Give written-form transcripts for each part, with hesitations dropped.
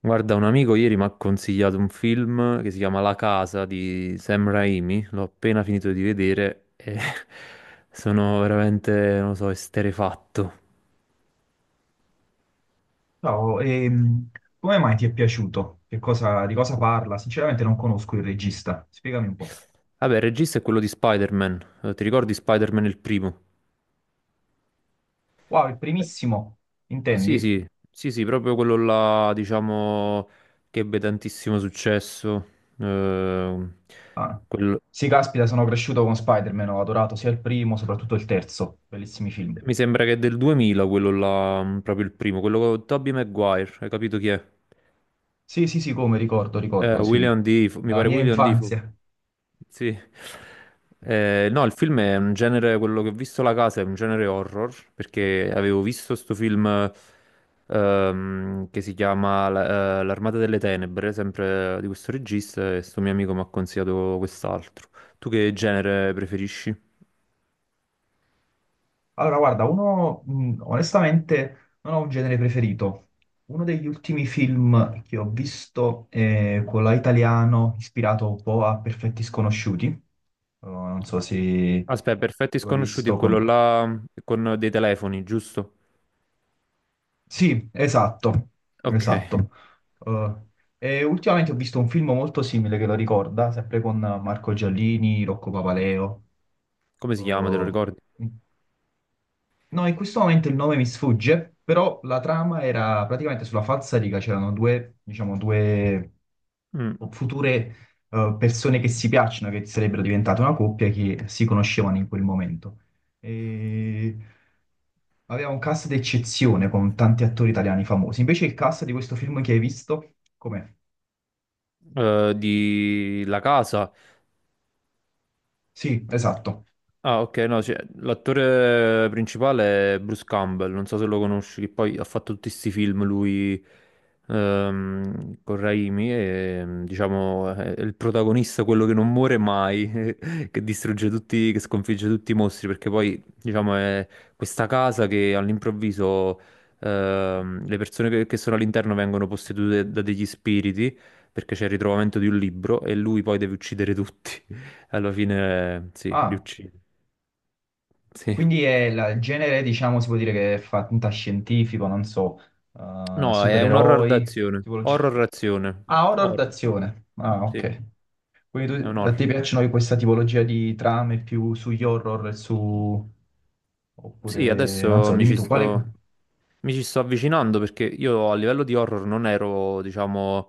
Guarda, un amico ieri mi ha consigliato un film che si chiama La casa di Sam Raimi, l'ho appena finito di vedere e sono veramente, non lo so, esterrefatto. Ciao, come mai ti è piaciuto? Di cosa parla? Sinceramente non conosco il regista, spiegami un po'. Vabbè, il regista è quello di Spider-Man. Ti ricordi Spider-Man il primo? Wow, il Eh. primissimo, Sì, intendi? sì, sì, sì, proprio quello là, diciamo, che ebbe tantissimo successo. Ehm, Ah. quello- Sì, caspita, sono cresciuto con Spider-Man, ho adorato sia il primo, soprattutto il terzo, bellissimi film. Mi sembra che è del 2000 quello là, proprio il primo, quello con Tobey Maguire, hai capito chi è? Sì, sì, sì, come ricordo, ricordo, sì, William Defoe, mi la pare mia William Defoe. infanzia. Sì. No, il film è un genere, quello che ho visto La Casa è un genere horror, perché avevo visto sto film che si chiama L'Armata delle Tenebre, sempre di questo regista, e sto mio amico mi ha consigliato quest'altro. Tu che genere preferisci? Allora, guarda, uno, onestamente, non ho un genere preferito. Uno degli ultimi film che ho visto è quello italiano, ispirato un po' a Perfetti Sconosciuti. Oh, non so se Aspetta, Perfetti l'ho Sconosciuti è visto quello con... là con dei telefoni, giusto? Sì, esatto, Ok, esatto. Eh, e ultimamente ho visto un film molto simile che lo ricorda, sempre con Marco Giallini, Rocco Papaleo. come si chiama, te lo ricordi? Eh, No, in questo momento il nome mi sfugge, però la trama era praticamente sulla falsariga, c'erano due, diciamo, due Mm, future persone che si piacciono, che sarebbero diventate una coppia, che si conoscevano in quel momento. E... Aveva un cast d'eccezione con tanti attori italiani famosi. Invece il cast di questo film che hai visto, com'è? Di La Casa. Sì, esatto. Ah, ok, no, cioè, l'attore principale è Bruce Campbell, non so se lo conosci, che poi ha fatto tutti questi film lui con Raimi e diciamo è il protagonista, quello che non muore mai, che distrugge tutti, che sconfigge tutti i mostri, perché poi diciamo è questa casa che all'improvviso le persone che sono all'interno vengono possedute da degli spiriti, perché c'è il ritrovamento di un libro e lui poi deve uccidere tutti. Alla fine, sì, li Ah. uccide. Sì. Quindi è il genere, diciamo, si può dire che è fantascientifico, non so, No, è un horror supereroi, d'azione. tipologia... Horror azione. Ah, horror Horror, d'azione. Ah, sì, ok. è Quindi un a horror. te piacciono questa tipologia di trame più sugli horror, e su... Sì, oppure, non adesso so, dimmi tu, quale... mi ci sto avvicinando perché io a livello di horror non ero, diciamo,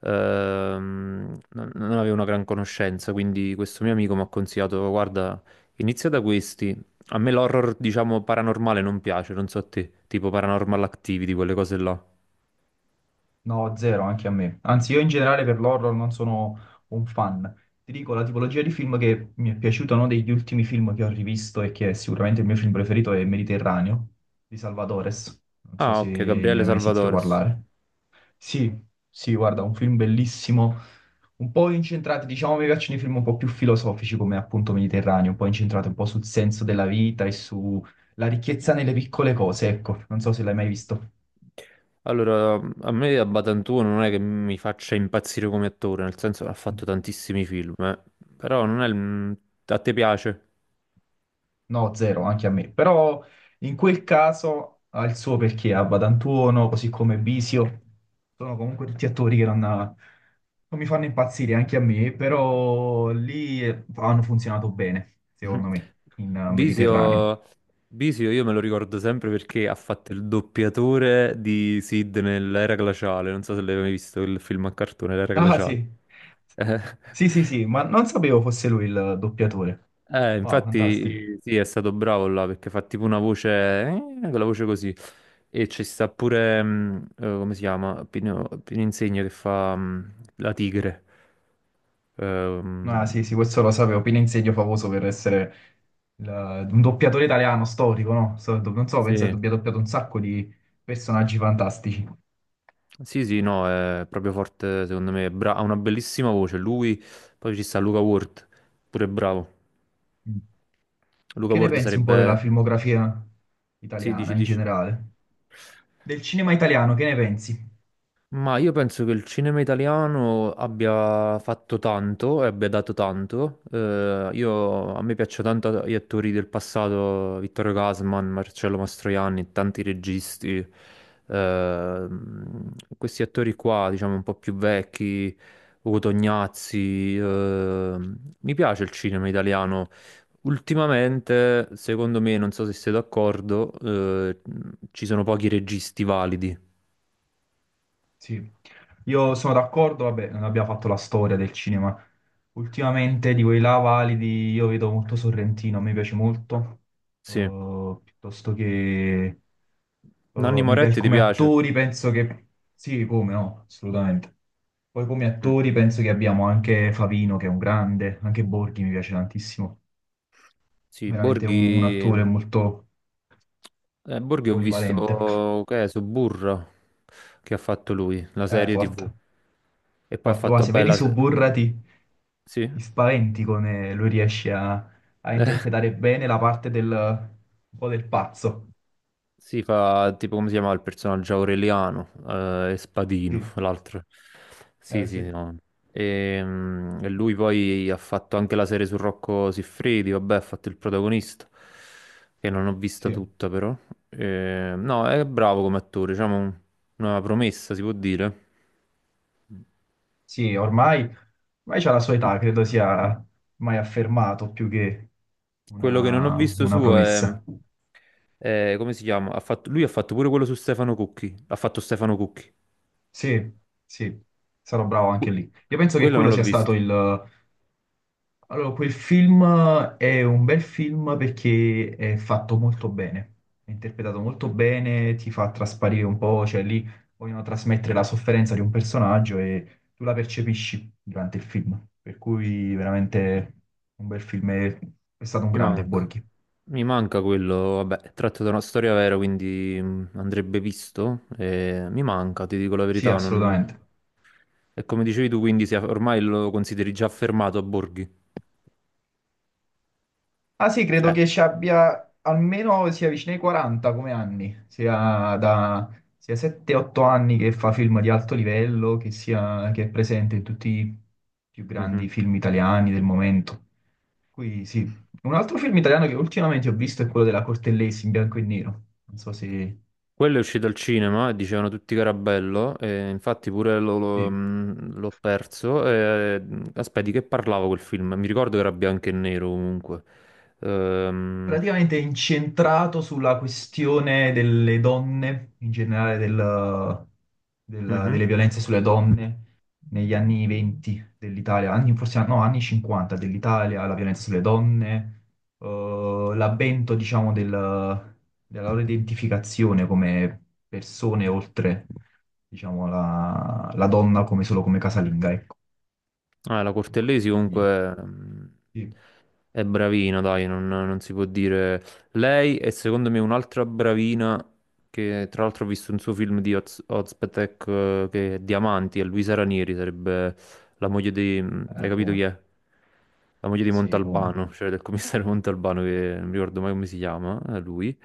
non avevo una gran conoscenza, quindi questo mio amico mi ha consigliato, guarda, inizia da questi. A me l'horror, diciamo, paranormale non piace, non so a te, tipo Paranormal Activity, quelle cose là. No, zero anche a me. Anzi, io in generale per l'horror non sono un fan. Ti dico, la tipologia di film che mi è piaciuto, uno degli ultimi film che ho rivisto e che è sicuramente il mio film preferito è Mediterraneo di Salvadores. Non so Ah, se ok, ne Gabriele hai mai sentito Salvatores. parlare. Sì, sì, guarda, un film bellissimo, un po' incentrati, diciamo, mi piacciono i film un po' più filosofici come appunto Mediterraneo, un po' incentrati un po' sul senso della vita e sulla ricchezza nelle piccole cose, ecco. Non so se l'hai mai visto. Allora, a me a Batantuono non è che mi faccia impazzire come attore, nel senso che ha fatto tantissimi film, eh. Però non è il... mm, a te piace. No, zero, anche a me. Però in quel caso ha il suo perché, Abba D'Antuono, così come Bisio, sono comunque tutti attori che non mi fanno impazzire anche a me, però lì hanno funzionato bene, secondo me, in Mediterraneo. Bisio... Bisio io me lo ricordo sempre perché ha fatto il doppiatore di Sid nell'Era Glaciale, non so se l'hai mai visto il film a cartone, l'Era Ah, Glaciale. sì. Eh, Sì, sì, sì, ma non sapevo fosse lui il doppiatore. Wow, fantastico. infatti sì, è stato bravo là perché fa tipo una voce, con la voce così. E ci sta pure, come si chiama? Pino, Pino Insegno che fa la tigre. Ah, sì, Ehm, sì, questo lo sapevo. Pino Insegno famoso per essere un doppiatore italiano storico, no? Non so, penso che sì. abbia doppiato un sacco di personaggi fantastici. Sì, sì, no, è proprio forte secondo me. Bra- ha una bellissima voce. Lui, poi ci sta Luca Ward, pure bravo. Mm. E Luca che ne Ward pensi un po' della sarebbe... filmografia Sì, dici, italiana in dici. generale? Del cinema italiano, che ne pensi? Ma io penso che il cinema italiano abbia fatto tanto e abbia dato tanto. A me piacciono tanto gli attori del passato, Vittorio Gassman, Marcello Mastroianni, tanti registi. Questi attori qua, diciamo un po' più vecchi, Ugo Tognazzi. Mi piace il cinema italiano. Ultimamente, secondo me, non so se sei d'accordo, ci sono pochi registi validi. Sì, io sono d'accordo, vabbè, non abbiamo fatto la storia del cinema. Ultimamente di quei là validi io vedo molto Sorrentino, mi piace molto. Sì. Piuttosto che Nanni mi piace Moretti ti come piace? attori, penso che sì, come no, assolutamente. Poi come Mm. attori penso che abbiamo anche Favino, che è un grande, anche Borghi mi piace tantissimo, Sì, veramente un attore Borghi... molto Borghi ho polivalente. visto che è Suburra che ha fatto lui, la serie Forte, TV. E poi ha forte. fatto Guarda, se vedi bella... se- Suburra ti Sì? ti spaventi come lui riesce a interpretare bene la parte del, un po' del pazzo. Si fa tipo come si chiama il personaggio Aureliano e Spadino, Sì, l'altro. Sì, sì, sì, no. E, mm, e lui poi ha fatto anche la serie su Rocco Siffredi, vabbè, ha fatto il protagonista, che non ho vista sì, tutta però. No, è bravo come attore, diciamo un- una promessa, si può dire. sì, ormai, ormai c'ha la sua età, credo sia mai affermato più che Quello che non ho visto una suo promessa. è- Come si chiama? Lui ha fatto pure quello su Stefano Cucchi, ha fatto Stefano Cucchi. Sì, sì, sarò bravo anche lì. Io penso che Quello non quello l'ho sia stato visto. il, Allora, quel film è un bel film perché è fatto molto bene, è interpretato molto bene, ti fa trasparire un po', cioè lì vogliono trasmettere la sofferenza di un personaggio e tu la percepisci durante il film, per cui veramente un bel film, è stato un Mi grande manca, Borghi. mi manca quello, vabbè, è tratto da una storia vera, quindi andrebbe visto. E mi manca, ti dico la Sì, verità, non... assolutamente. E come dicevi tu, quindi si è- ormai lo consideri già fermato a Borghi. Ah, sì, credo Cioè, che ci abbia almeno sia vicino ai 40 come anni, sia da sia 7-8 anni che fa film di alto livello, che, sia, che è presente in tutti i più mhm. grandi film italiani del momento. Qui sì. Un altro film italiano che ultimamente ho visto è quello della Cortellesi in bianco e nero. Non so se... Quello è uscito al cinema e dicevano tutti che era bello, e infatti pure Sì. L'ho perso. E... mm, aspetta, di che parlavo quel film? Mi ricordo che era bianco e nero comunque. Ehm, Praticamente incentrato sulla questione delle donne, in generale mhm. delle violenze sulle donne negli anni 20 dell'Italia, anni, forse no, anni 50 dell'Italia, la violenza sulle donne, eh, l'avvento, diciamo, della loro identificazione come persone oltre, diciamo, la donna come solo come casalinga, ecco. Ah, la Cortellesi Quindi, comunque sì, è bravina, dai, non si può dire. Lei è secondo me un'altra bravina che tra l'altro ho visto un suo film di Oz, Ozpetek che è Diamanti, è Luisa Ranieri, sarebbe la moglie di... hai capito chi come? è? La moglie di Sì, come? Montalbano, cioè del commissario Montalbano che non mi ricordo mai come si chiama, è lui.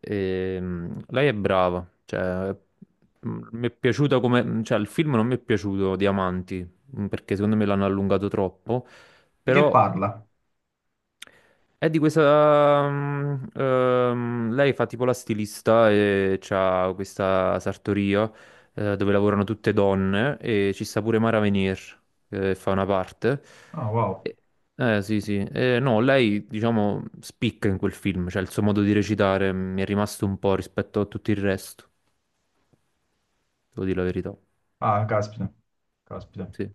E, lei è brava, cioè mi è piaciuta come... cioè il film non mi è piaciuto, Diamanti mm, perché secondo me l'hanno allungato troppo, Di che però parla? è di questa... mm, lei fa tipo la stilista e c'ha questa sartoria dove lavorano tutte donne e ci sta pure Mara Venier che fa una parte. Ah, wow. E- eh sì sì, eh, no, lei diciamo spicca in quel film, cioè il suo modo di recitare mm, mi è rimasto un po' rispetto a tutto il resto, devo dire la verità. Ah, caspita, caspita. Sì.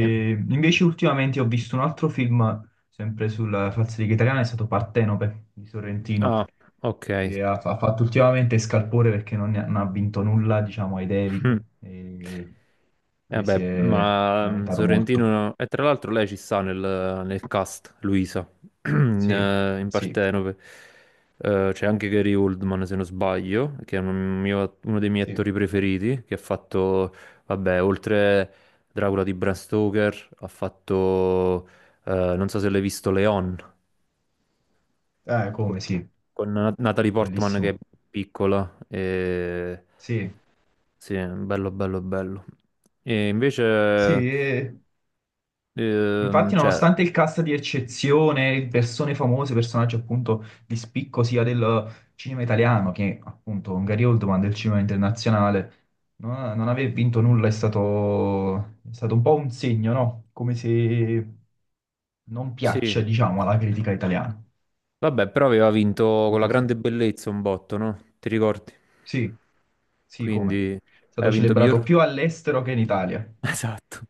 E- invece ultimamente ho visto un altro film, sempre sulla falsariga italiana, è stato Partenope di Sorrentino, Ah, ok. che ha fatto ultimamente scalpore perché non ha vinto nulla, diciamo, ai Mm. David, e lui si Vabbè, è ma mm, lamentato molto. Sorrentino... E tra l'altro lei ci sta nel cast, Luisa, in, Sì, in sì, Partenope. C'è anche Gary Oldman, se non sbaglio, che è un uno dei miei sì. attori preferiti, che ha fatto, vabbè, oltre Dracula di Bram Stoker, ha fatto, non so se l'hai visto, Leon Come con, sì, con Natalie Portman che è bellissimo. piccola. E... Sì, Sì, bello, bello, bello. E sì, invece, infatti, cioè, nonostante il cast di eccezione, persone famose, personaggi appunto di spicco sia del cinema italiano che appunto un Gary Oldman del cinema internazionale, non aver vinto nulla è stato un po' un segno, no? Come se non sì, piaccia, diciamo, alla critica italiana. vabbè, però aveva vinto con la Diviso. grande bellezza un botto, no? Ti ricordi? Sì, sì, come? Quindi È stato aveva vinto celebrato miglior... più all'estero che in Italia. Esatto,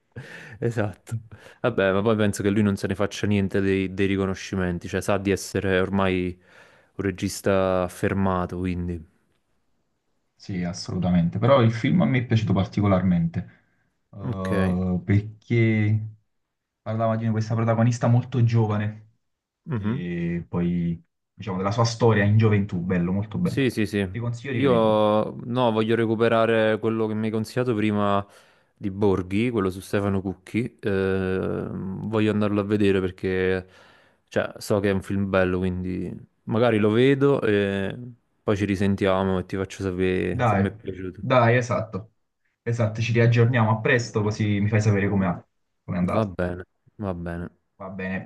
esatto. Vabbè, ma poi penso che lui non se ne faccia niente dei riconoscimenti, cioè sa di essere ormai un regista affermato, quindi... Sì, assolutamente. Però il film a me è piaciuto particolarmente, Ok. Perché parlava di questa protagonista molto giovane, Mhm. che poi, diciamo, della sua storia in gioventù, bello, molto bello. Sì, sì, sì. Ti consiglio di Io vederlo. no, voglio recuperare quello che mi hai consigliato prima di Borghi, quello su Stefano Cucchi. Voglio andarlo a vedere perché cioè, so che è un film bello, quindi magari lo vedo e poi ci risentiamo e ti faccio sapere se mi è Dai, piaciuto. dai, esatto. Esatto, ci riaggiorniamo a presto, così mi fai sapere come com'è com'è Va andato. bene, va bene. Va bene.